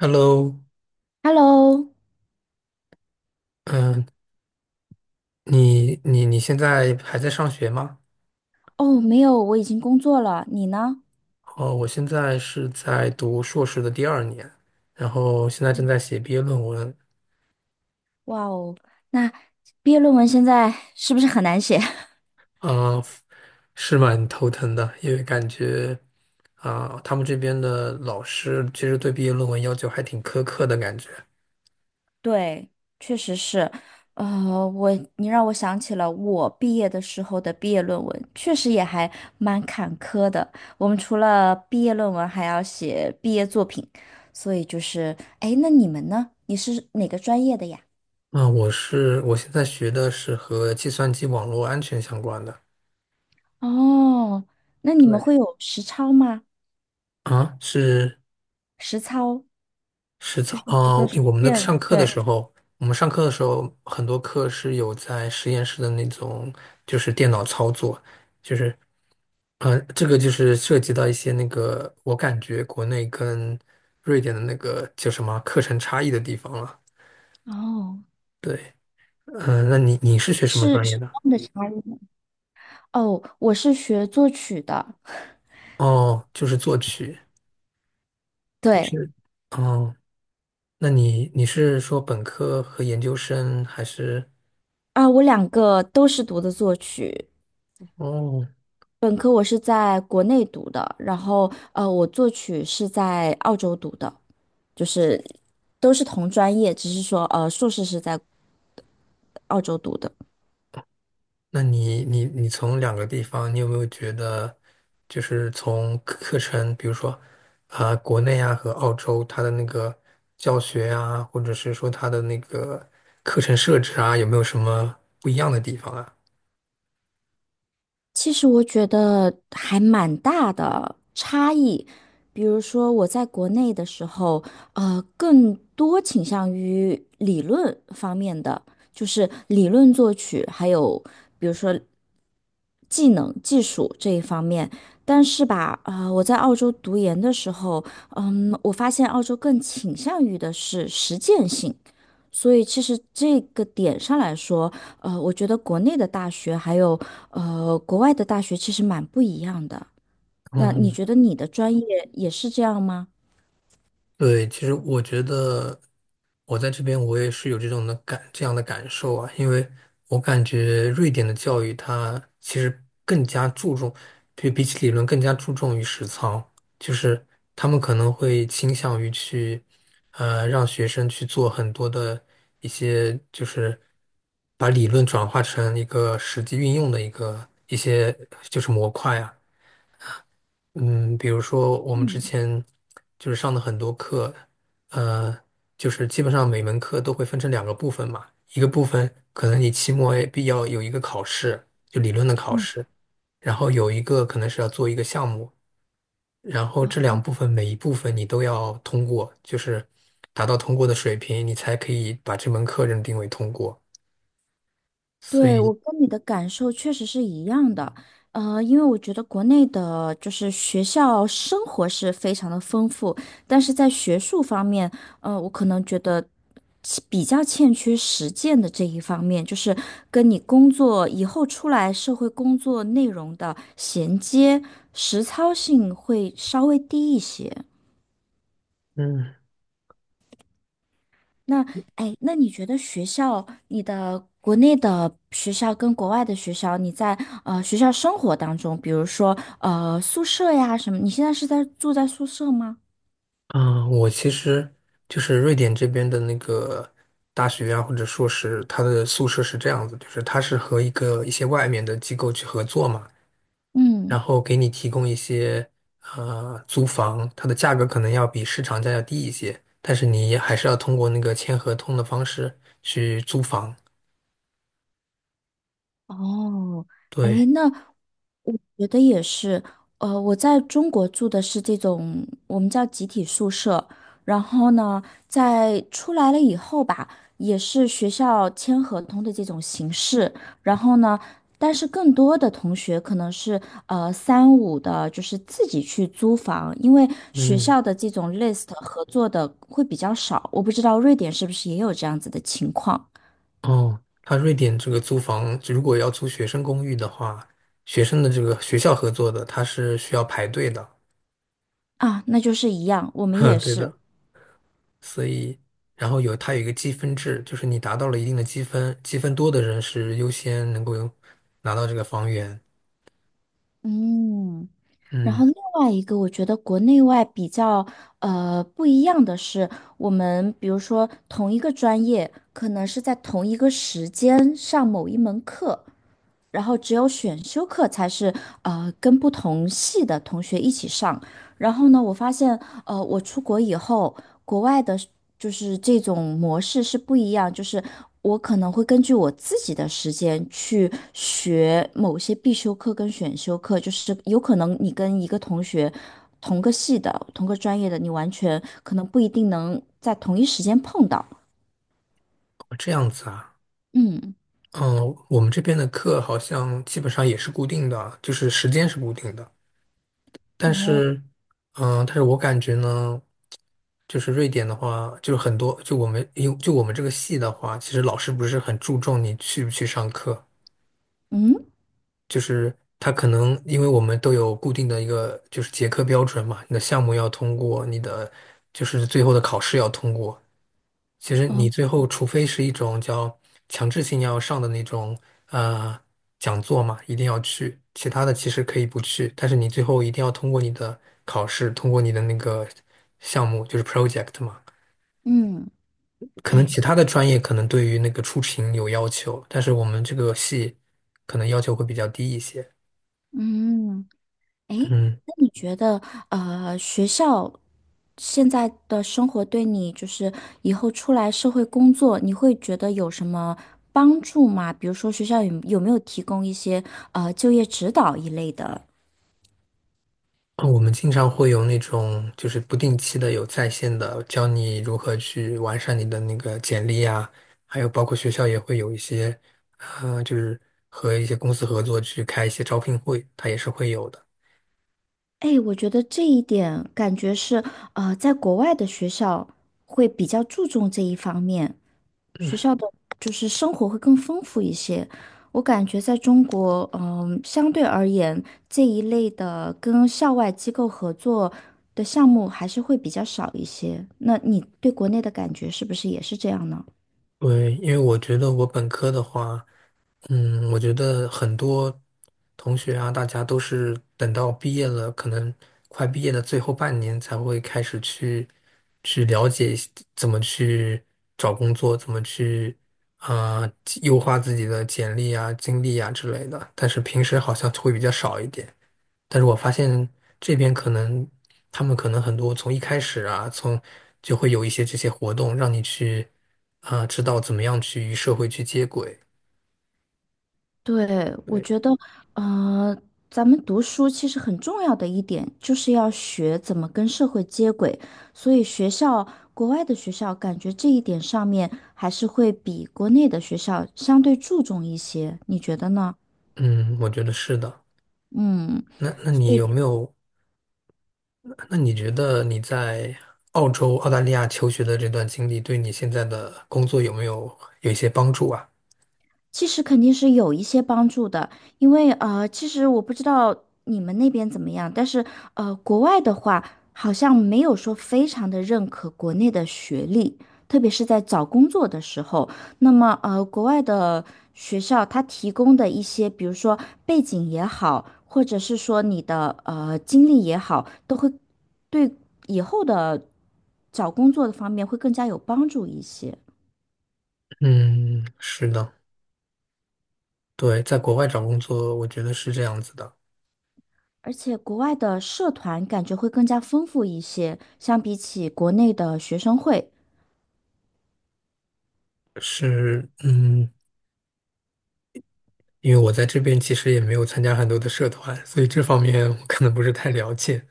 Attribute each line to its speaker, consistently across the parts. Speaker 1: Hello，
Speaker 2: Hello。
Speaker 1: 嗯，你现在还在上学吗？
Speaker 2: 哦，没有，我已经工作了，你呢？
Speaker 1: 哦，我现在是在读硕士的第二年，然后现在正
Speaker 2: 嗯，
Speaker 1: 在写毕业论文。
Speaker 2: 哇哦，那毕业论文现在是不是很难写？
Speaker 1: 啊、是蛮头疼的，因为感觉啊、他们这边的老师其实对毕业论文要求还挺苛刻的感觉。
Speaker 2: 对，确实是。呃，我，你让我想起了我毕业的时候的毕业论文，确实也还蛮坎坷的。我们除了毕业论文，还要写毕业作品，所以就是，哎，那你们呢？你是哪个专业的呀？
Speaker 1: 啊、我现在学的是和计算机网络安全相关的。
Speaker 2: 哦，那你们
Speaker 1: 对，
Speaker 2: 会有实操吗？
Speaker 1: 啊，是。
Speaker 2: 实操
Speaker 1: 是的，
Speaker 2: 就是比如
Speaker 1: 啊，
Speaker 2: 说实践，对。
Speaker 1: 我们上课的时候，很多课是有在实验室的那种，就是电脑操作，就是，这个就是涉及到一些那个，我感觉国内跟瑞典的那个叫什么课程差异的地方了。
Speaker 2: 哦，
Speaker 1: 对，嗯、那你是学什么
Speaker 2: 是
Speaker 1: 专业
Speaker 2: 什
Speaker 1: 的？
Speaker 2: 么样的差异呢？哦，我是学作曲的，
Speaker 1: 哦，就是作曲。
Speaker 2: 对。
Speaker 1: 是，哦，那你是说本科和研究生还是？
Speaker 2: 啊，我两个都是读的作曲，
Speaker 1: 哦，
Speaker 2: 我是在国内读的，然后我作曲是在澳洲读的，就是都是同专业，只是说硕士是在澳洲读的。
Speaker 1: 那你从两个地方，你有没有觉得，就是从课程，比如说啊、国内啊和澳洲，它的那个教学啊，或者是说它的那个课程设置啊，有没有什么不一样的地方啊？
Speaker 2: 其实我觉得还蛮大的差异。比如说我在国内的时候，更多倾向于理论方面的，就是理论作曲，还有比如说技能、技术这一方面。但是吧，我在澳洲读研的时候，嗯，我发现澳洲更倾向于的是实践性。所以其实这个点上来说，我觉得国内的大学还有国外的大学其实蛮不一样的。那你
Speaker 1: 嗯，
Speaker 2: 觉得你的专业也是这样吗？
Speaker 1: 对，其实我觉得我在这边我也是有这样的感受啊，因为我感觉瑞典的教育它其实更加注重，对比起理论更加注重于实操，就是他们可能会倾向于去让学生去做很多的一些就是把理论转化成一个实际运用的一些就是模块啊。嗯，比如说我们之
Speaker 2: 嗯，
Speaker 1: 前就是上的很多课，呃，就是基本上每门课都会分成两个部分嘛，一个部分可能你期末也必要有一个考试，就理论的考试，然后有一个可能是要做一个项目，然后这两部分每一部分你都要通过，就是达到通过的水平，你才可以把这门课认定为通过。所
Speaker 2: 对，
Speaker 1: 以，
Speaker 2: 我跟你的感受确实是一样的，因为我觉得国内的就是学校生活是非常的丰富，但是在学术方面，我可能觉得其比较欠缺实践的这一方面，就是跟你工作以后出来社会工作内容的衔接，实操性会稍微低一些。
Speaker 1: 嗯。
Speaker 2: 那哎，那你觉得学校，你的国内的学校跟国外的学校，你在学校生活当中，比如说宿舍呀什么，你现在是在住在宿舍吗？
Speaker 1: 嗯，我其实就是瑞典这边的那个大学啊，或者硕士，它的宿舍是这样子，就是它是和一些外面的机构去合作嘛，然
Speaker 2: 嗯，
Speaker 1: 后给你提供一些租房，它的价格可能要比市场价要低一些，但是你还是要通过那个签合同的方式去租房。
Speaker 2: 哦，哎，
Speaker 1: 对，
Speaker 2: 那我觉得也是，我在中国住的是这种我们叫集体宿舍，然后呢，在出来了以后吧，也是学校签合同的这种形式，然后呢，但是更多的同学可能是三五的，就是自己去租房，因为学
Speaker 1: 嗯，
Speaker 2: 校的这种 list 合作的会比较少，我不知道瑞典是不是也有这样子的情况。
Speaker 1: 哦，它瑞典这个租房，如果要租学生公寓的话，学生的这个学校合作的，它是需要排队的。
Speaker 2: 啊，那就是一样，我 们
Speaker 1: 哼，
Speaker 2: 也
Speaker 1: 对
Speaker 2: 是。
Speaker 1: 的。所以，然后它有一个积分制，就是你达到了一定的积分，积分多的人是优先能够有拿到这个房源。
Speaker 2: 嗯，然
Speaker 1: 嗯，
Speaker 2: 后另外一个，我觉得国内外比较不一样的是，我们比如说同一个专业，可能是在同一个时间上某一门课，然后只有选修课才是跟不同系的同学一起上。然后呢，我发现我出国以后，国外的是就是这种模式是不一样，就是我可能会根据我自己的时间去学某些必修课跟选修课，就是有可能你跟一个同学同个系的、同个专业的，你完全可能不一定能在同一时间碰到。
Speaker 1: 哦这样子啊。
Speaker 2: 嗯，
Speaker 1: 嗯，我们这边的课好像基本上也是固定的，就是时间是固定的。但
Speaker 2: 哦，
Speaker 1: 是，嗯，但是我感觉呢，就是瑞典的话，就是很多，就我们这个系的话，其实老师不是很注重你去不去上课。
Speaker 2: 嗯，
Speaker 1: 就是它可能因为我们都有固定的一个就是结课标准嘛，你的项目要通过，你的就是最后的考试要通过。其实
Speaker 2: 哦，
Speaker 1: 你最后除非是一种叫强制性要上的那种呃讲座嘛，一定要去，其他的其实可以不去，但是你最后一定要通过你的考试，通过你的那个项目就是 project 嘛。
Speaker 2: 嗯，
Speaker 1: 可能
Speaker 2: 哎。
Speaker 1: 其他的专业可能对于那个出勤有要求，但是我们这个系可能要求会比较低一些。
Speaker 2: 嗯。
Speaker 1: 嗯。
Speaker 2: 那你觉得，学校现在的生活对你，就是以后出来社会工作，你会觉得有什么帮助吗？比如说，学校有没有提供一些就业指导一类的？
Speaker 1: 我们经常会有那种就是不定期的有在线的，教你如何去完善你的那个简历啊，还有包括学校也会有一些，就是和一些公司合作去开一些招聘会，它也是会有的。
Speaker 2: 哎，我觉得这一点感觉是，在国外的学校会比较注重这一方面。
Speaker 1: 嗯，
Speaker 2: 学校的就是生活会更丰富一些。我感觉在中国，嗯，相对而言，这一类的跟校外机构合作的项目还是会比较少一些。那你对国内的感觉是不是也是这样呢？
Speaker 1: 对，因为我觉得我本科的话，嗯，我觉得很多同学啊，大家都是等到毕业了，可能快毕业的最后半年才会开始去了解一些怎么去找工作，怎么去啊、优化自己的简历啊、经历啊之类的。但是平时好像会比较少一点。但是我发现这边可能他们可能很多从一开始啊，从就会有一些这些活动，让你去啊、知道怎么样去与社会去接轨。
Speaker 2: 对，我
Speaker 1: 对。
Speaker 2: 觉得，呃，咱们读书其实很重要的一点，就是要学怎么跟社会接轨。所以学校，国外的学校，感觉这一点上面还是会比国内的学校相对注重一些，你觉得呢？
Speaker 1: 嗯，我觉得是的。
Speaker 2: 嗯。
Speaker 1: 那你
Speaker 2: 所
Speaker 1: 有
Speaker 2: 以。
Speaker 1: 没有？那你觉得你在澳洲、澳大利亚求学的这段经历，对你现在的工作有没有一些帮助啊？
Speaker 2: 其实肯定是有一些帮助的，因为其实我不知道你们那边怎么样，但是国外的话好像没有说非常的认可国内的学历，特别是在找工作的时候。那么国外的学校它提供的一些，比如说背景也好，或者是说你的经历也好，都会对以后的找工作的方面会更加有帮助一些。
Speaker 1: 嗯，是的，对，在国外找工作，我觉得是这样子的，
Speaker 2: 而且国外的社团感觉会更加丰富一些，相比起国内的学生会。
Speaker 1: 是，嗯，因为我在这边其实也没有参加很多的社团，所以这方面我可能不是太了解。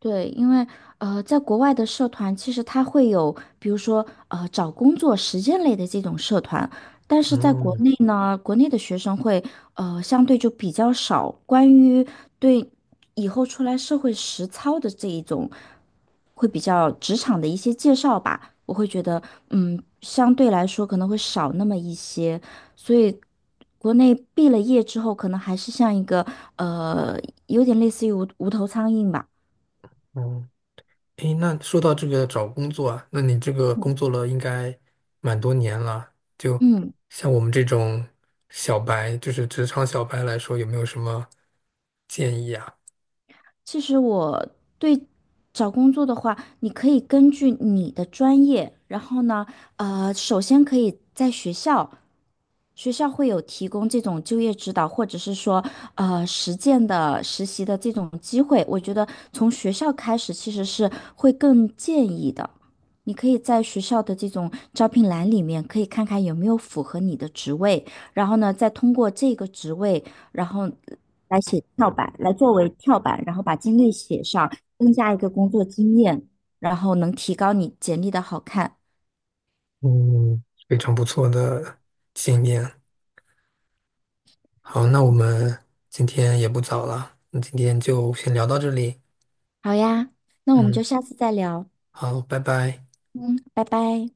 Speaker 2: 对，因为在国外的社团其实它会有，比如说找工作实践类的这种社团，但是在国
Speaker 1: 嗯
Speaker 2: 内呢，国内的学生会相对就比较少关于对以后出来社会实操的这一种，会比较职场的一些介绍吧，我会觉得嗯，相对来说可能会少那么一些，所以国内毕了业之后，可能还是像一个呃，有点类似于无头苍蝇吧。
Speaker 1: 嗯。哦诶，那说到这个找工作啊，那你这个工作了应该蛮多年了，就
Speaker 2: 嗯，
Speaker 1: 像我们这种小白，就是职场小白来说，有没有什么建议啊？
Speaker 2: 其实我对找工作的话，你可以根据你的专业，然后呢，首先可以在学校。学校会有提供这种就业指导，或者是说，实践的实习的这种机会，我觉得从学校开始其实是会更建议的。你可以在学校的这种招聘栏里面，可以看看有没有符合你的职位，然后呢，再通过这个职位，然后来作为跳板，然后把经历写上，增加一个工作经验，然后能提高你简历的好看。
Speaker 1: 嗯，非常不错的经验。好，那我们今天也不早了，那今天就先聊到这里。
Speaker 2: 好呀，那我们就
Speaker 1: 嗯，
Speaker 2: 下次再聊。
Speaker 1: 好，拜拜。
Speaker 2: 嗯，拜拜。